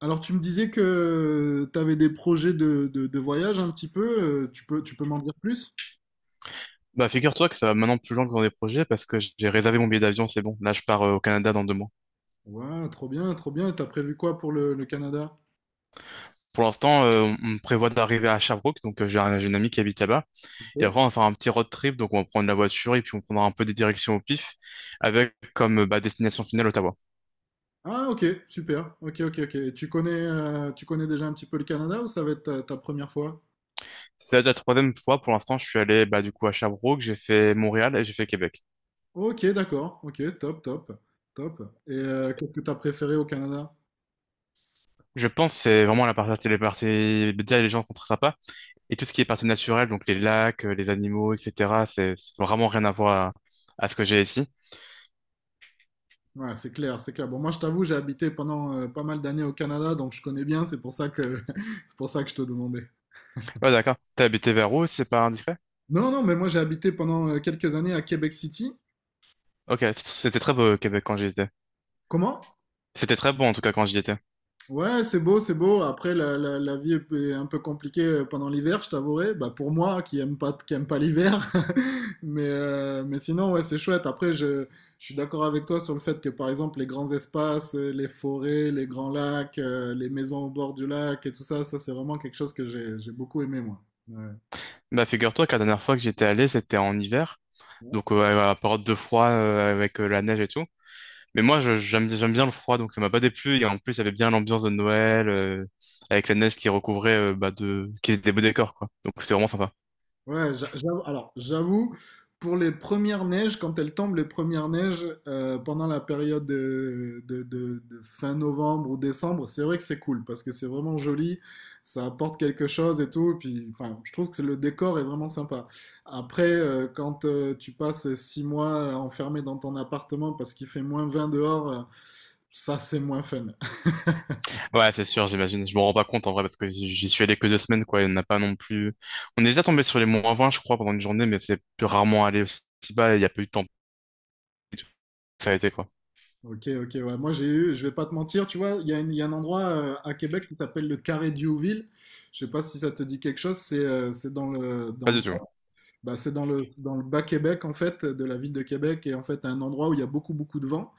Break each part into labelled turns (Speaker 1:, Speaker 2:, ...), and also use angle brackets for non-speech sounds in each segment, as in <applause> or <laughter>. Speaker 1: Alors, tu me disais que tu avais des projets de voyage un petit peu. Tu peux m'en dire plus?
Speaker 2: Bah, figure-toi que ça va maintenant plus loin que dans des projets parce que j'ai réservé mon billet d'avion, c'est bon. Là, je pars au Canada dans 2 mois.
Speaker 1: Ouais, trop bien, trop bien. Et t'as prévu quoi pour le Canada?
Speaker 2: Pour l'instant, on prévoit d'arriver à Sherbrooke, donc j'ai une amie qui habite là-bas. Et
Speaker 1: Ok.
Speaker 2: après, on va faire un petit road trip, donc on va prendre la voiture et puis on prendra un peu des directions au pif avec comme destination finale Ottawa.
Speaker 1: Ah, ok, super. Ok, ok, ok. Et tu connais déjà un petit peu le Canada ou ça va être ta première fois?
Speaker 2: C'est la troisième fois pour l'instant, je suis allé bah, du coup à Sherbrooke, j'ai fait Montréal et j'ai fait Québec.
Speaker 1: Ok, d'accord. Ok, top, top, top. Et qu'est-ce que t'as préféré au Canada?
Speaker 2: Je pense que c'est vraiment les parties, déjà les gens sont très sympas et tout ce qui est partie naturelle, donc les lacs, les animaux, etc., c'est vraiment rien à voir à ce que j'ai ici.
Speaker 1: Ouais, c'est clair, c'est clair. Bon, moi, je t'avoue, j'ai habité pendant pas mal d'années au Canada, donc je connais bien. C'est pour ça que, <laughs> c'est pour ça que je te demandais.
Speaker 2: Ouais, d'accord. T'as habité vers où, si c'est pas indiscret?
Speaker 1: Non, non, mais moi j'ai habité pendant quelques années à Québec City.
Speaker 2: Ok, c'était très beau au Québec quand j'y étais.
Speaker 1: Comment?
Speaker 2: C'était très beau en tout cas quand j'y étais.
Speaker 1: Ouais, c'est beau, c'est beau. Après, la vie est un peu compliquée pendant l'hiver, je t'avouerai. Bah, pour moi, qui aime pas l'hiver. <laughs> Mais, mais sinon, ouais, c'est chouette. Après, je suis d'accord avec toi sur le fait que, par exemple, les grands espaces, les forêts, les grands lacs, les maisons au bord du lac et tout ça, ça, c'est vraiment quelque chose que j'ai beaucoup aimé, moi. Ouais.
Speaker 2: Bah figure-toi que la dernière fois que j'étais allé, c'était en hiver, donc à la période de froid avec la neige et tout. Mais moi, j'aime bien le froid, donc ça m'a pas déplu. Et en plus, il y avait bien l'ambiance de Noël avec la neige qui recouvrait bah, de qui était des beaux décors quoi. Donc c'était vraiment sympa.
Speaker 1: Ouais, alors j'avoue, pour les premières neiges, quand elles tombent, les premières neiges, pendant la période de fin novembre ou décembre, c'est vrai que c'est cool parce que c'est vraiment joli, ça apporte quelque chose et tout, et puis enfin, je trouve que le décor est vraiment sympa. Après, quand tu passes 6 mois enfermé dans ton appartement parce qu'il fait -20 dehors, ça c'est moins fun.
Speaker 2: Ouais, c'est sûr, j'imagine. Je me rends pas compte en vrai parce que j'y suis allé que 2 semaines, quoi. Il n'y en a pas non plus. On est déjà tombé sur les moins 20, je crois, pendant une journée, mais c'est plus rarement allé aussi bas et il n'y a pas eu de temps. Ça a été, quoi.
Speaker 1: Ok, ok, ouais. Moi, j'ai eu, je vais pas te mentir, tu vois, il y a un endroit à Québec qui s'appelle le Carré Diouville. Je sais pas si ça te dit quelque chose. C'est dans
Speaker 2: Pas
Speaker 1: le,
Speaker 2: du tout.
Speaker 1: bah, c'est dans le bas Québec, en fait, de la ville de Québec. Et en fait, un endroit où il y a beaucoup, beaucoup de vent.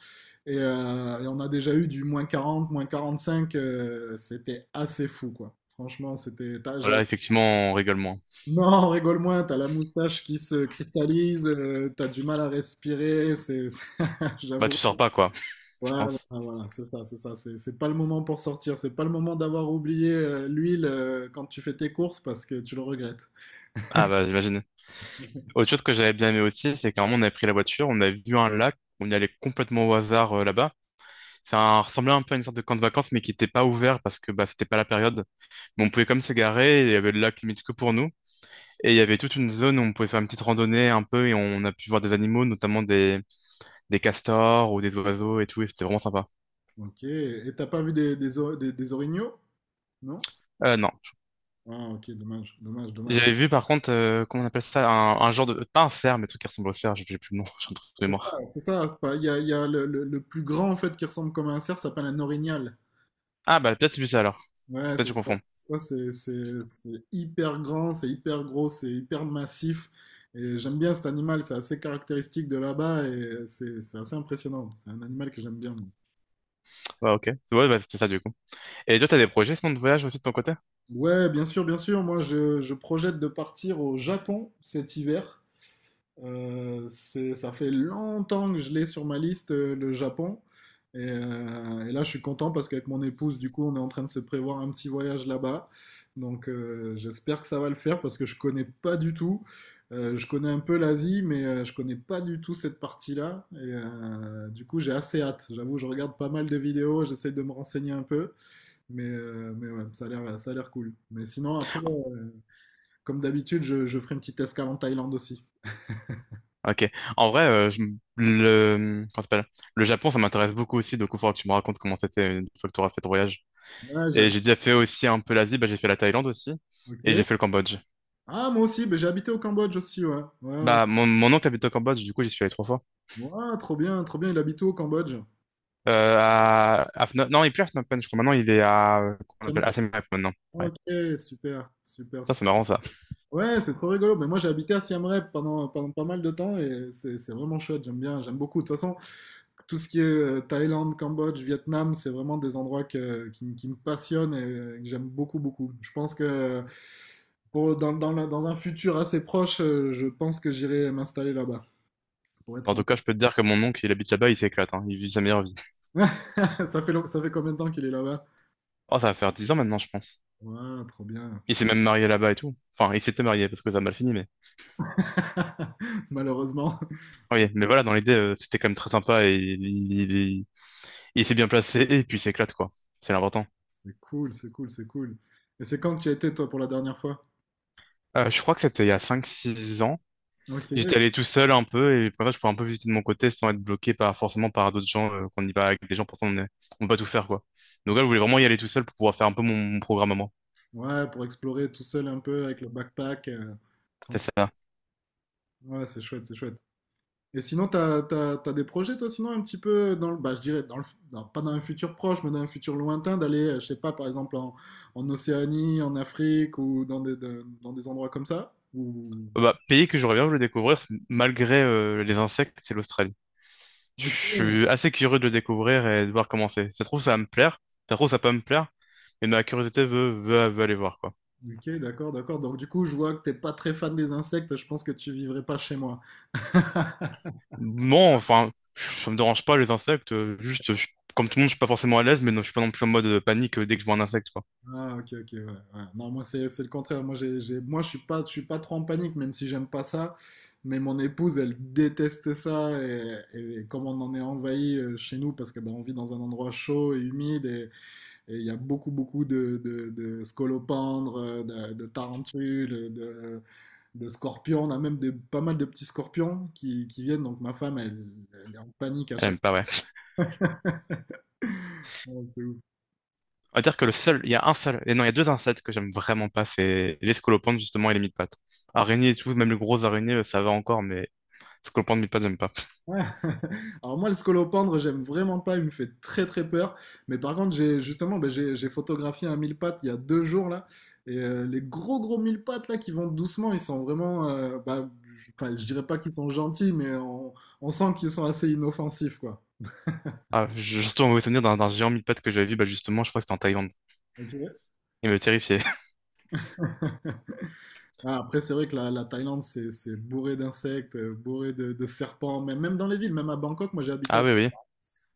Speaker 1: Et, et on a déjà eu du -40, moins 45. C'était assez fou, quoi. Franchement, c'était.
Speaker 2: Voilà, effectivement, on rigole moins.
Speaker 1: Non, rigole moins, t'as la moustache qui se cristallise, t'as du mal à respirer. C'est, <laughs>
Speaker 2: Bah,
Speaker 1: j'avoue.
Speaker 2: tu sors pas, quoi, <laughs> je
Speaker 1: Voilà,
Speaker 2: pense.
Speaker 1: voilà, c'est ça, c'est ça. C'est pas le moment pour sortir. C'est pas le moment d'avoir oublié l'huile quand tu fais tes courses parce que tu le regrettes.
Speaker 2: Ah, bah, j'imagine. Autre chose que j'avais bien aimé aussi, c'est qu'à un moment, on avait pris la voiture, on a vu un lac, on y allait complètement au hasard là-bas. Ça ressemblait un peu à une sorte de camp de vacances, mais qui n'était pas ouvert parce que bah, c'était pas la période. Mais on pouvait comme se garer, et il y avait le lac limite que pour nous. Et il y avait toute une zone où on pouvait faire une petite randonnée un peu et on a pu voir des animaux, des castors ou des oiseaux et tout, et c'était vraiment sympa.
Speaker 1: Ok. Et t'as pas vu des orignaux? Non?
Speaker 2: Non.
Speaker 1: Ah, ok, dommage, dommage, dommage.
Speaker 2: J'avais vu par contre, comment on appelle ça, un genre de... Pas un cerf, mais un truc qui ressemble au cerf, j'ai plus le nom, <laughs> j'ai un truc de
Speaker 1: Ah,
Speaker 2: mémoire.
Speaker 1: c'est ça. C'est pas- Il y a le plus grand en fait qui ressemble comme un cerf, ça s'appelle un orignal.
Speaker 2: Ah bah peut-être c'est ça alors,
Speaker 1: Ouais,
Speaker 2: peut-être
Speaker 1: c'est
Speaker 2: je
Speaker 1: ça.
Speaker 2: confonds.
Speaker 1: Ça, c'est hyper grand, c'est hyper gros, c'est hyper massif. Et j'aime bien cet animal, c'est assez caractéristique de là-bas et c'est assez impressionnant. C'est un animal que j'aime bien.
Speaker 2: Ouais ok, ouais bah, c'est ça du coup. Et toi t'as des projets sinon de voyage aussi de ton côté?
Speaker 1: Ouais, bien sûr, bien sûr. Moi, je projette de partir au Japon cet hiver. Ça fait longtemps que je l'ai sur ma liste, le Japon. Et, et là, je suis content parce qu'avec mon épouse, du coup, on est en train de se prévoir un petit voyage là-bas. Donc, j'espère que ça va le faire parce que je connais pas du tout. Je connais un peu l'Asie, mais je connais pas du tout cette partie-là. Et du coup, j'ai assez hâte. J'avoue, je regarde pas mal de vidéos, j'essaie de me renseigner un peu. Mais, mais ouais, ça a l'air cool. Mais sinon, après, comme d'habitude, je ferai une petite escale en Thaïlande aussi.
Speaker 2: Ok, en vrai, le... comment ça s'appelle. Le Japon ça m'intéresse beaucoup aussi, donc il faudra que tu me racontes comment c'était une fois que tu auras fait ton voyage.
Speaker 1: Ouais,
Speaker 2: Et j'ai déjà fait aussi un peu l'Asie, bah j'ai fait la Thaïlande aussi, et
Speaker 1: Ok.
Speaker 2: j'ai fait le Cambodge.
Speaker 1: Ah, moi aussi, ben, j'ai habité au Cambodge aussi, ouais. Ouais, ouais.
Speaker 2: Bah, mon oncle habite au Cambodge, du coup, j'y suis allé 3 fois.
Speaker 1: Ouais, trop bien, il habite où au Cambodge?
Speaker 2: À non, il est plus à Phnom Penh, je crois. Maintenant, il est à, qu'on appelle à
Speaker 1: T'aimerais?
Speaker 2: Siem Reap maintenant. Ouais.
Speaker 1: Ok, super, super,
Speaker 2: Ça, c'est
Speaker 1: super.
Speaker 2: marrant, ça.
Speaker 1: Ouais, c'est trop rigolo. Mais moi, j'ai habité à Siem Reap pendant pas mal de temps et c'est vraiment chouette. J'aime bien, j'aime beaucoup. De toute façon, tout ce qui est Thaïlande, Cambodge, Vietnam, c'est vraiment des endroits qui me passionnent et que j'aime beaucoup, beaucoup. Je pense que pour, dans, dans la- dans un futur assez proche, je pense que j'irai m'installer là-bas, pour
Speaker 2: Bon,
Speaker 1: être
Speaker 2: en tout
Speaker 1: honnête.
Speaker 2: cas, je peux te dire que mon oncle, il habite là-bas, il s'éclate, hein. Il vit sa meilleure vie.
Speaker 1: <laughs> Ça fait combien de temps qu'il est là-bas?
Speaker 2: Oh, ça va faire 10 ans maintenant, je pense.
Speaker 1: Ouais, trop bien,
Speaker 2: Il s'est
Speaker 1: putain.
Speaker 2: même marié là-bas et tout. Enfin, il s'était marié parce que ça a mal fini, mais.
Speaker 1: <laughs> Malheureusement.
Speaker 2: Oui, mais voilà, dans l'idée, c'était quand même très sympa et il s'est bien placé et puis il s'éclate, quoi. C'est l'important.
Speaker 1: C'est cool, c'est cool, c'est cool. Et c'est quand que tu y as été, toi, pour la dernière fois?
Speaker 2: Je crois que c'était il y a 5, 6 ans.
Speaker 1: Ok.
Speaker 2: J'étais allé tout seul un peu et pour ça, je pouvais un peu visiter de mon côté sans être bloqué par, forcément par d'autres gens, qu'on y va avec des gens, pourtant on ne peut pas tout faire, quoi. Donc là, je voulais vraiment y aller tout seul pour pouvoir faire un peu mon programme à moi.
Speaker 1: Ouais, pour explorer tout seul un peu avec le backpack,
Speaker 2: C'est
Speaker 1: tranquille.
Speaker 2: ça.
Speaker 1: Ouais, c'est chouette, c'est chouette. Et sinon, t'as des projets, toi, sinon, un petit peu dans le, bah, je dirais, dans le, fu- dans- pas dans un futur proche, mais dans un futur lointain, d'aller, je sais pas, par exemple, en Océanie, en Afrique ou dans des endroits comme ça? Ou...
Speaker 2: Pays que j'aurais bien voulu découvrir, malgré les insectes, c'est l'Australie. Je
Speaker 1: Ok.
Speaker 2: suis assez curieux de le découvrir et de voir comment c'est. Ça se trouve, ça va me plaire. Ça se trouve, ça peut me plaire. Mais ma curiosité veut aller voir, quoi.
Speaker 1: Ok, d'accord, d'accord. Donc, du coup, je vois que t'es pas très fan des insectes, je pense que tu vivrais pas chez moi.
Speaker 2: Non, enfin, ça me dérange pas les insectes. Juste, comme tout le monde, je suis pas forcément à l'aise, mais non, je suis pas non plus en mode panique dès que je vois un insecte, quoi.
Speaker 1: Ah, ok, ok, ouais, ouais. Non, moi, c'est le contraire. Moi, moi, je suis pas trop en panique, même si j'aime pas ça. Mais mon épouse, elle déteste ça. Et comme on en est envahi chez nous, parce que ben, on vit dans un endroit chaud et humide, et il y a beaucoup, beaucoup de scolopendres, de tarentules, de scorpions. On a même pas mal de petits scorpions qui viennent. Donc, ma femme, elle, elle est en panique à
Speaker 2: Elle
Speaker 1: chaque
Speaker 2: aime pas, ouais.
Speaker 1: fois. <laughs>
Speaker 2: On va dire que le seul, il y a un seul, et non, il y a deux insectes que j'aime vraiment pas, c'est les scolopendres, justement, et les mille-pattes. Araignées et tout, même les grosses araignées, ça va encore, mais Skopant mi pas.
Speaker 1: Ouais. <laughs> Alors moi, le scolopendre, j'aime vraiment pas, il me fait très très peur. Mais par contre, j'ai justement, ben, j'ai photographié un mille pattes il y a 2 jours là, et les gros gros mille pattes là qui vont doucement, ils sont vraiment, bah, enfin, je dirais pas qu'ils sont gentils, mais on sent qu'ils sont assez inoffensifs quoi.
Speaker 2: Ah, j'ai surtout un mauvais souvenir d'un géant mi-pattes que j'avais vu, bah justement, je crois que c'était en Thaïlande.
Speaker 1: Ok.
Speaker 2: Il me terrifiait. <laughs>
Speaker 1: Voilà, après, c'est vrai que la Thaïlande, c'est bourré d'insectes, bourré de serpents, mais même dans les villes, même à Bangkok, moi j'ai habité
Speaker 2: Ah oui, oui.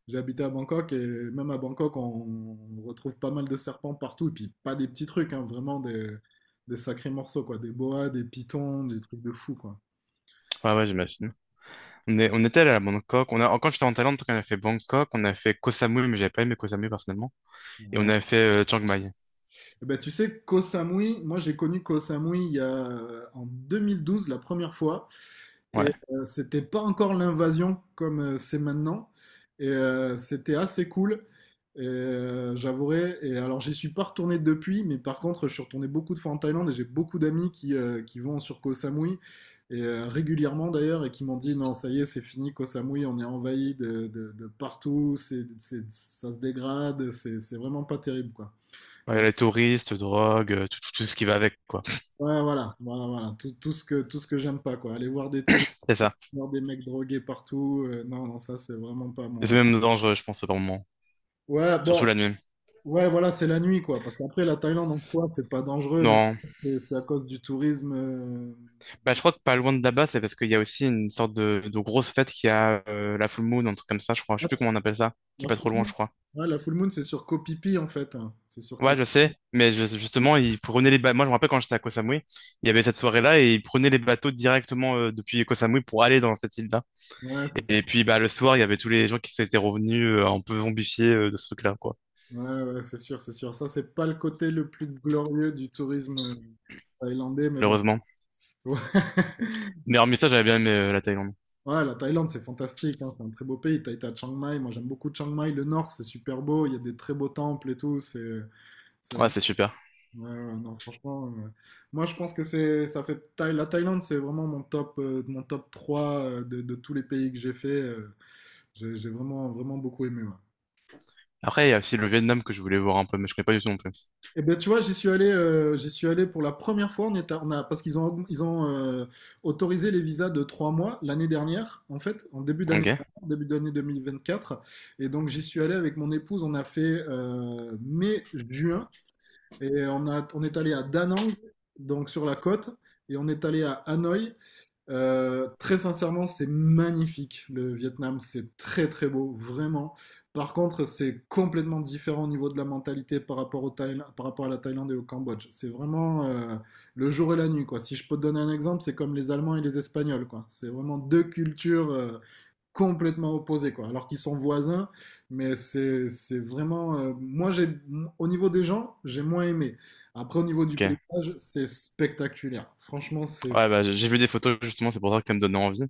Speaker 1: J'ai habité à Bangkok et même à Bangkok, on retrouve pas mal de serpents partout. Et puis pas des petits trucs, hein, vraiment des sacrés morceaux, quoi. Des boas, des pitons, des trucs de fou, quoi.
Speaker 2: Ouais, ouais, j'imagine. On est, on était allé à Bangkok. On a, quand j'étais en Thaïlande, on a fait Bangkok, on a fait Koh Samui, mais j'avais pas aimé Koh Samui personnellement. Et on a fait Chiang Mai.
Speaker 1: Eh ben, tu sais, Koh Samui, moi j'ai connu Koh Samui en 2012 la première fois. Et
Speaker 2: Ouais.
Speaker 1: c'était pas encore l'invasion comme c'est maintenant. Et c'était assez cool. Et j'avouerai. Et alors j'y suis pas retourné depuis, mais par contre je suis retourné beaucoup de fois en Thaïlande et j'ai beaucoup d'amis qui vont sur Koh Samui. Et régulièrement d'ailleurs, et qui m'ont dit non, ça y est, c'est fini, Koh Samui, on est envahi de partout, ça se dégrade, c'est vraiment pas terrible quoi.
Speaker 2: Ouais, les touristes, drogue, tout, tout ce qui va avec, quoi.
Speaker 1: Ouais, voilà, voilà, voilà, tout ce que j'aime pas, quoi. Aller voir des touristes,
Speaker 2: C'est ça.
Speaker 1: voir des mecs drogués partout, non, non, ça, c'est vraiment pas
Speaker 2: Et c'est
Speaker 1: mon...
Speaker 2: même dangereux, je pense, par moment.
Speaker 1: Ouais,
Speaker 2: Surtout
Speaker 1: bon,
Speaker 2: la nuit.
Speaker 1: ouais, voilà, c'est la nuit, quoi, parce qu'après, la Thaïlande, en soi, c'est pas dangereux, mais
Speaker 2: Non.
Speaker 1: c'est à cause du tourisme.
Speaker 2: Bah, je crois que pas loin de là-bas, c'est parce qu'il y a aussi une sorte de grosse fête qui a la full moon, un truc comme ça, je crois. Je sais plus comment on appelle ça, qui est
Speaker 1: La
Speaker 2: pas
Speaker 1: full
Speaker 2: trop loin,
Speaker 1: moon,
Speaker 2: je crois.
Speaker 1: ouais, la full moon, c'est sur Koh Phi Phi, en fait, hein. C'est sur Koh
Speaker 2: Ouais, je
Speaker 1: Phi
Speaker 2: sais,
Speaker 1: Phi.
Speaker 2: mais justement, ils prenaient les bateaux. Moi, je me rappelle quand j'étais à Koh Samui, il y avait cette soirée-là et ils prenaient les bateaux directement depuis Koh Samui pour aller dans cette île-là.
Speaker 1: Ouais, c'est ça.
Speaker 2: Et puis, bah, le soir, il y avait tous les gens qui s'étaient revenus un peu zombifiés de ce truc-là, quoi.
Speaker 1: Ouais, ouais, c'est sûr, c'est sûr. Ça, c'est pas le côté le plus glorieux du tourisme thaïlandais, mais bon.
Speaker 2: Malheureusement.
Speaker 1: <laughs>
Speaker 2: Mais hormis ça, j'avais bien aimé la Thaïlande.
Speaker 1: Ouais, la Thaïlande, c'est fantastique, hein, c'est un très beau pays. T'as été à Chiang Mai, moi j'aime beaucoup Chiang Mai. Le nord, c'est super beau, il y a des très beaux temples et tout. C'est
Speaker 2: Ouais,
Speaker 1: vraiment-
Speaker 2: c'est super.
Speaker 1: ouais, ouais, non, franchement, moi je pense que c'est, ça fait Thaï- la Thaïlande, c'est vraiment mon top 3 de tous les pays que j'ai fait. J'ai vraiment, vraiment beaucoup aimé. Ouais.
Speaker 2: Après, il y a aussi le Vietnam que je voulais voir un peu, mais je connais pas du tout non plus.
Speaker 1: Eh ben, tu vois, j'y suis allé pour la première fois. On est à- on a, Parce qu'ils ont, ils ont autorisé les visas de 3 mois l'année dernière, en fait, en début d'année,
Speaker 2: Ok,
Speaker 1: début d'année 2024. Et donc, j'y suis allé avec mon épouse. On a fait mai-juin et on est allé à Da Nang, donc sur la côte, et on est allé à Hanoï. Très sincèrement, c'est magnifique le Vietnam, c'est très très beau, vraiment. Par contre, c'est complètement différent au niveau de la mentalité par rapport à la Thaïlande et au Cambodge. C'est vraiment le jour et la nuit, quoi. Si je peux te donner un exemple, c'est comme les Allemands et les Espagnols, quoi. C'est vraiment deux cultures complètement opposées, quoi. Alors qu'ils sont voisins, mais c'est vraiment. Moi, j'ai au niveau des gens, j'ai moins aimé. Après, au niveau du
Speaker 2: ok.
Speaker 1: paysage, c'est spectaculaire. Franchement, c'est
Speaker 2: Ouais, bah, j'ai vu des photos, justement, c'est pour ça que ça me donnait envie.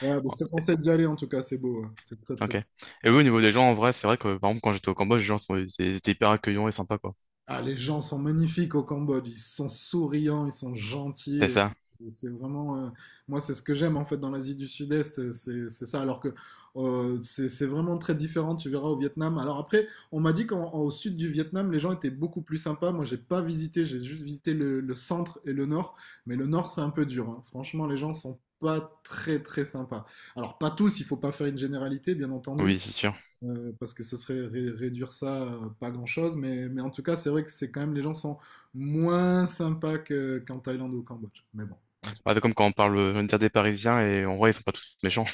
Speaker 1: ouais, mais
Speaker 2: Ouais.
Speaker 1: je te conseille d'y aller en tout cas, c'est beau, hein. C'est très très
Speaker 2: Ok.
Speaker 1: beau.
Speaker 2: Et oui, au niveau des gens, en vrai, c'est vrai que, par exemple, quand j'étais au Cambodge, ils étaient hyper accueillants et sympas, quoi.
Speaker 1: Ah, les gens sont magnifiques au Cambodge, ils sont souriants, ils sont gentils
Speaker 2: C'est
Speaker 1: et-
Speaker 2: ça?
Speaker 1: et c'est vraiment, moi c'est ce que j'aime en fait dans l'Asie du Sud-Est, c'est ça. Alors que c'est vraiment très différent, tu verras au Vietnam. Alors après, on m'a dit qu'au sud du Vietnam, les gens étaient beaucoup plus sympas. Moi j'ai pas visité, j'ai juste visité le centre et le nord. Mais le nord c'est un peu dur, hein. Franchement, les gens sont pas très très sympas. Alors pas tous, il faut pas faire une généralité, bien entendu.
Speaker 2: Oui, c'est sûr.
Speaker 1: Parce que ce serait réduire ça à pas grand-chose, mais en tout cas, c'est vrai que c'est quand même les gens sont moins sympas qu'en Thaïlande ou au Cambodge. Mais bon, en tout.
Speaker 2: Bah, c'est comme quand on parle, on va des Parisiens et en vrai, ils sont pas tous méchants.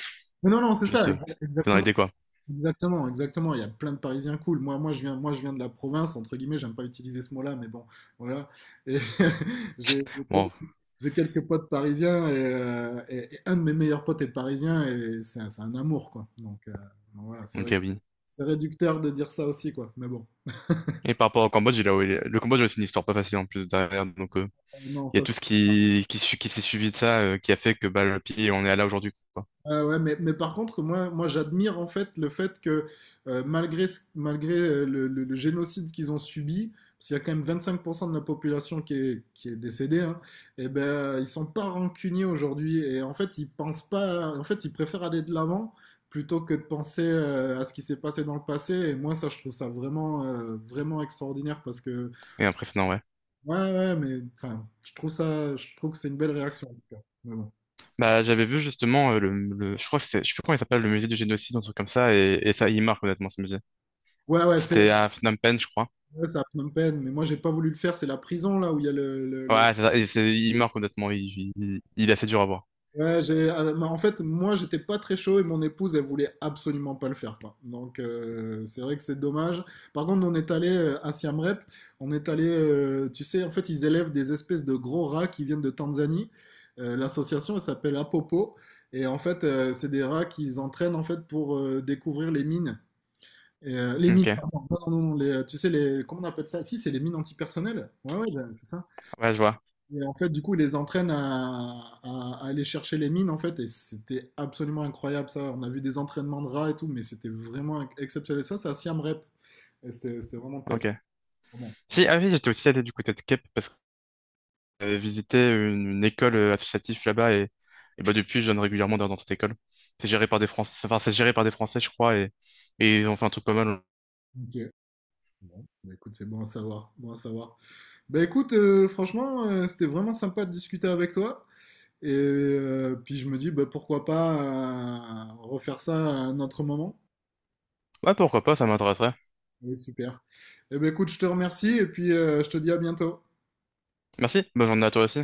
Speaker 1: Mais non, non,
Speaker 2: <laughs>
Speaker 1: c'est ça,
Speaker 2: Juste, c'est dans
Speaker 1: exactement,
Speaker 2: l'idée, quoi.
Speaker 1: exactement, exactement. Il y a plein de Parisiens cool. Moi, moi, je viens de la province, entre guillemets, j'aime pas utiliser ce mot-là, mais bon, voilà. Et <laughs> j'ai
Speaker 2: Bon,
Speaker 1: j'ai quelques potes parisiens et, et un de mes meilleurs potes est parisien et c'est un amour, quoi. Donc voilà, c'est vrai
Speaker 2: ok,
Speaker 1: que
Speaker 2: oui.
Speaker 1: c'est réducteur de dire ça aussi, quoi. Mais bon.
Speaker 2: Et par rapport au Cambodge, le Cambodge, c'est une histoire pas facile en plus derrière, donc,
Speaker 1: Non,
Speaker 2: il y a
Speaker 1: ça,
Speaker 2: tout ce qui s'est suivi de ça, qui a fait que bah, le pied, on est là aujourd'hui, quoi.
Speaker 1: ah ouais, mais par contre, moi, moi j'admire en fait le fait que malgré, malgré le, le génocide qu'ils ont subi, parce qu'il y a quand même 25% de la population qui est décédée, hein, et ben, ils sont pas rancuniers aujourd'hui. Et en fait, ils pensent pas, en fait, ils préfèrent aller de l'avant plutôt que de penser à ce qui s'est passé dans le passé. Et moi, ça, je trouve ça vraiment, vraiment extraordinaire parce que,
Speaker 2: Et impressionnant, ouais.
Speaker 1: ouais, ouais, mais enfin, je trouve ça, je trouve que c'est une belle réaction en tout cas. Mais bon.
Speaker 2: Bah, j'avais vu justement je crois que c'est, je sais plus comment il s'appelle, le musée du génocide, un truc comme ça, et ça, il marque honnêtement ce musée.
Speaker 1: Ouais, ouais, c'est
Speaker 2: C'était à Phnom Penh, je crois.
Speaker 1: ouais, c'est à Phnom Penh, mais moi j'ai pas voulu le faire, c'est la prison là où il y a le, le.
Speaker 2: Ouais, c'est ça, et c'est, il marque honnêtement, il est assez dur à voir.
Speaker 1: Ouais, j'ai... ah, mais en fait, moi j'étais pas très chaud et mon épouse elle voulait absolument pas le faire quoi. Donc c'est vrai que c'est dommage. Par contre, on est allé à Siem Reap, on est allé, tu sais, en fait ils élèvent des espèces de gros rats qui viennent de Tanzanie. L'association elle s'appelle Apopo et en fait c'est des rats qu'ils entraînent en fait pour découvrir les mines. Et, les mines,
Speaker 2: Ok,
Speaker 1: pardon. Non, non, non, les, tu sais, les, comment on appelle ça? Si, c'est les mines antipersonnelles. Ouais, ouais, ben, c'est ça.
Speaker 2: ouais, je vois.
Speaker 1: Et en fait, du coup, il les entraîne à, à aller chercher les mines, en fait, et c'était absolument incroyable ça. On a vu des entraînements de rats et tout, mais c'était vraiment exceptionnel. Ça, c'est à Siam Rep, et c'était vraiment top.
Speaker 2: Ok.
Speaker 1: Vraiment.
Speaker 2: Si, ah oui, j'étais aussi allé du côté de Cape parce que j'avais visité une école associative là-bas et bah depuis, je donne régulièrement dans cette école. C'est géré par des Français, enfin, c'est géré par des Français, je crois, et ils ont fait un truc pas mal.
Speaker 1: Ok. Bon, bah écoute, c'est bon à savoir. Bon à savoir. Bah écoute, franchement, c'était vraiment sympa de discuter avec toi. Et puis je me dis, bah, pourquoi pas refaire ça à un autre moment.
Speaker 2: Ouais, pourquoi pas, ça m'intéresserait.
Speaker 1: Oui, super. Et ben écoute, je te remercie et puis je te dis à bientôt.
Speaker 2: Merci, bonne journée à toi aussi.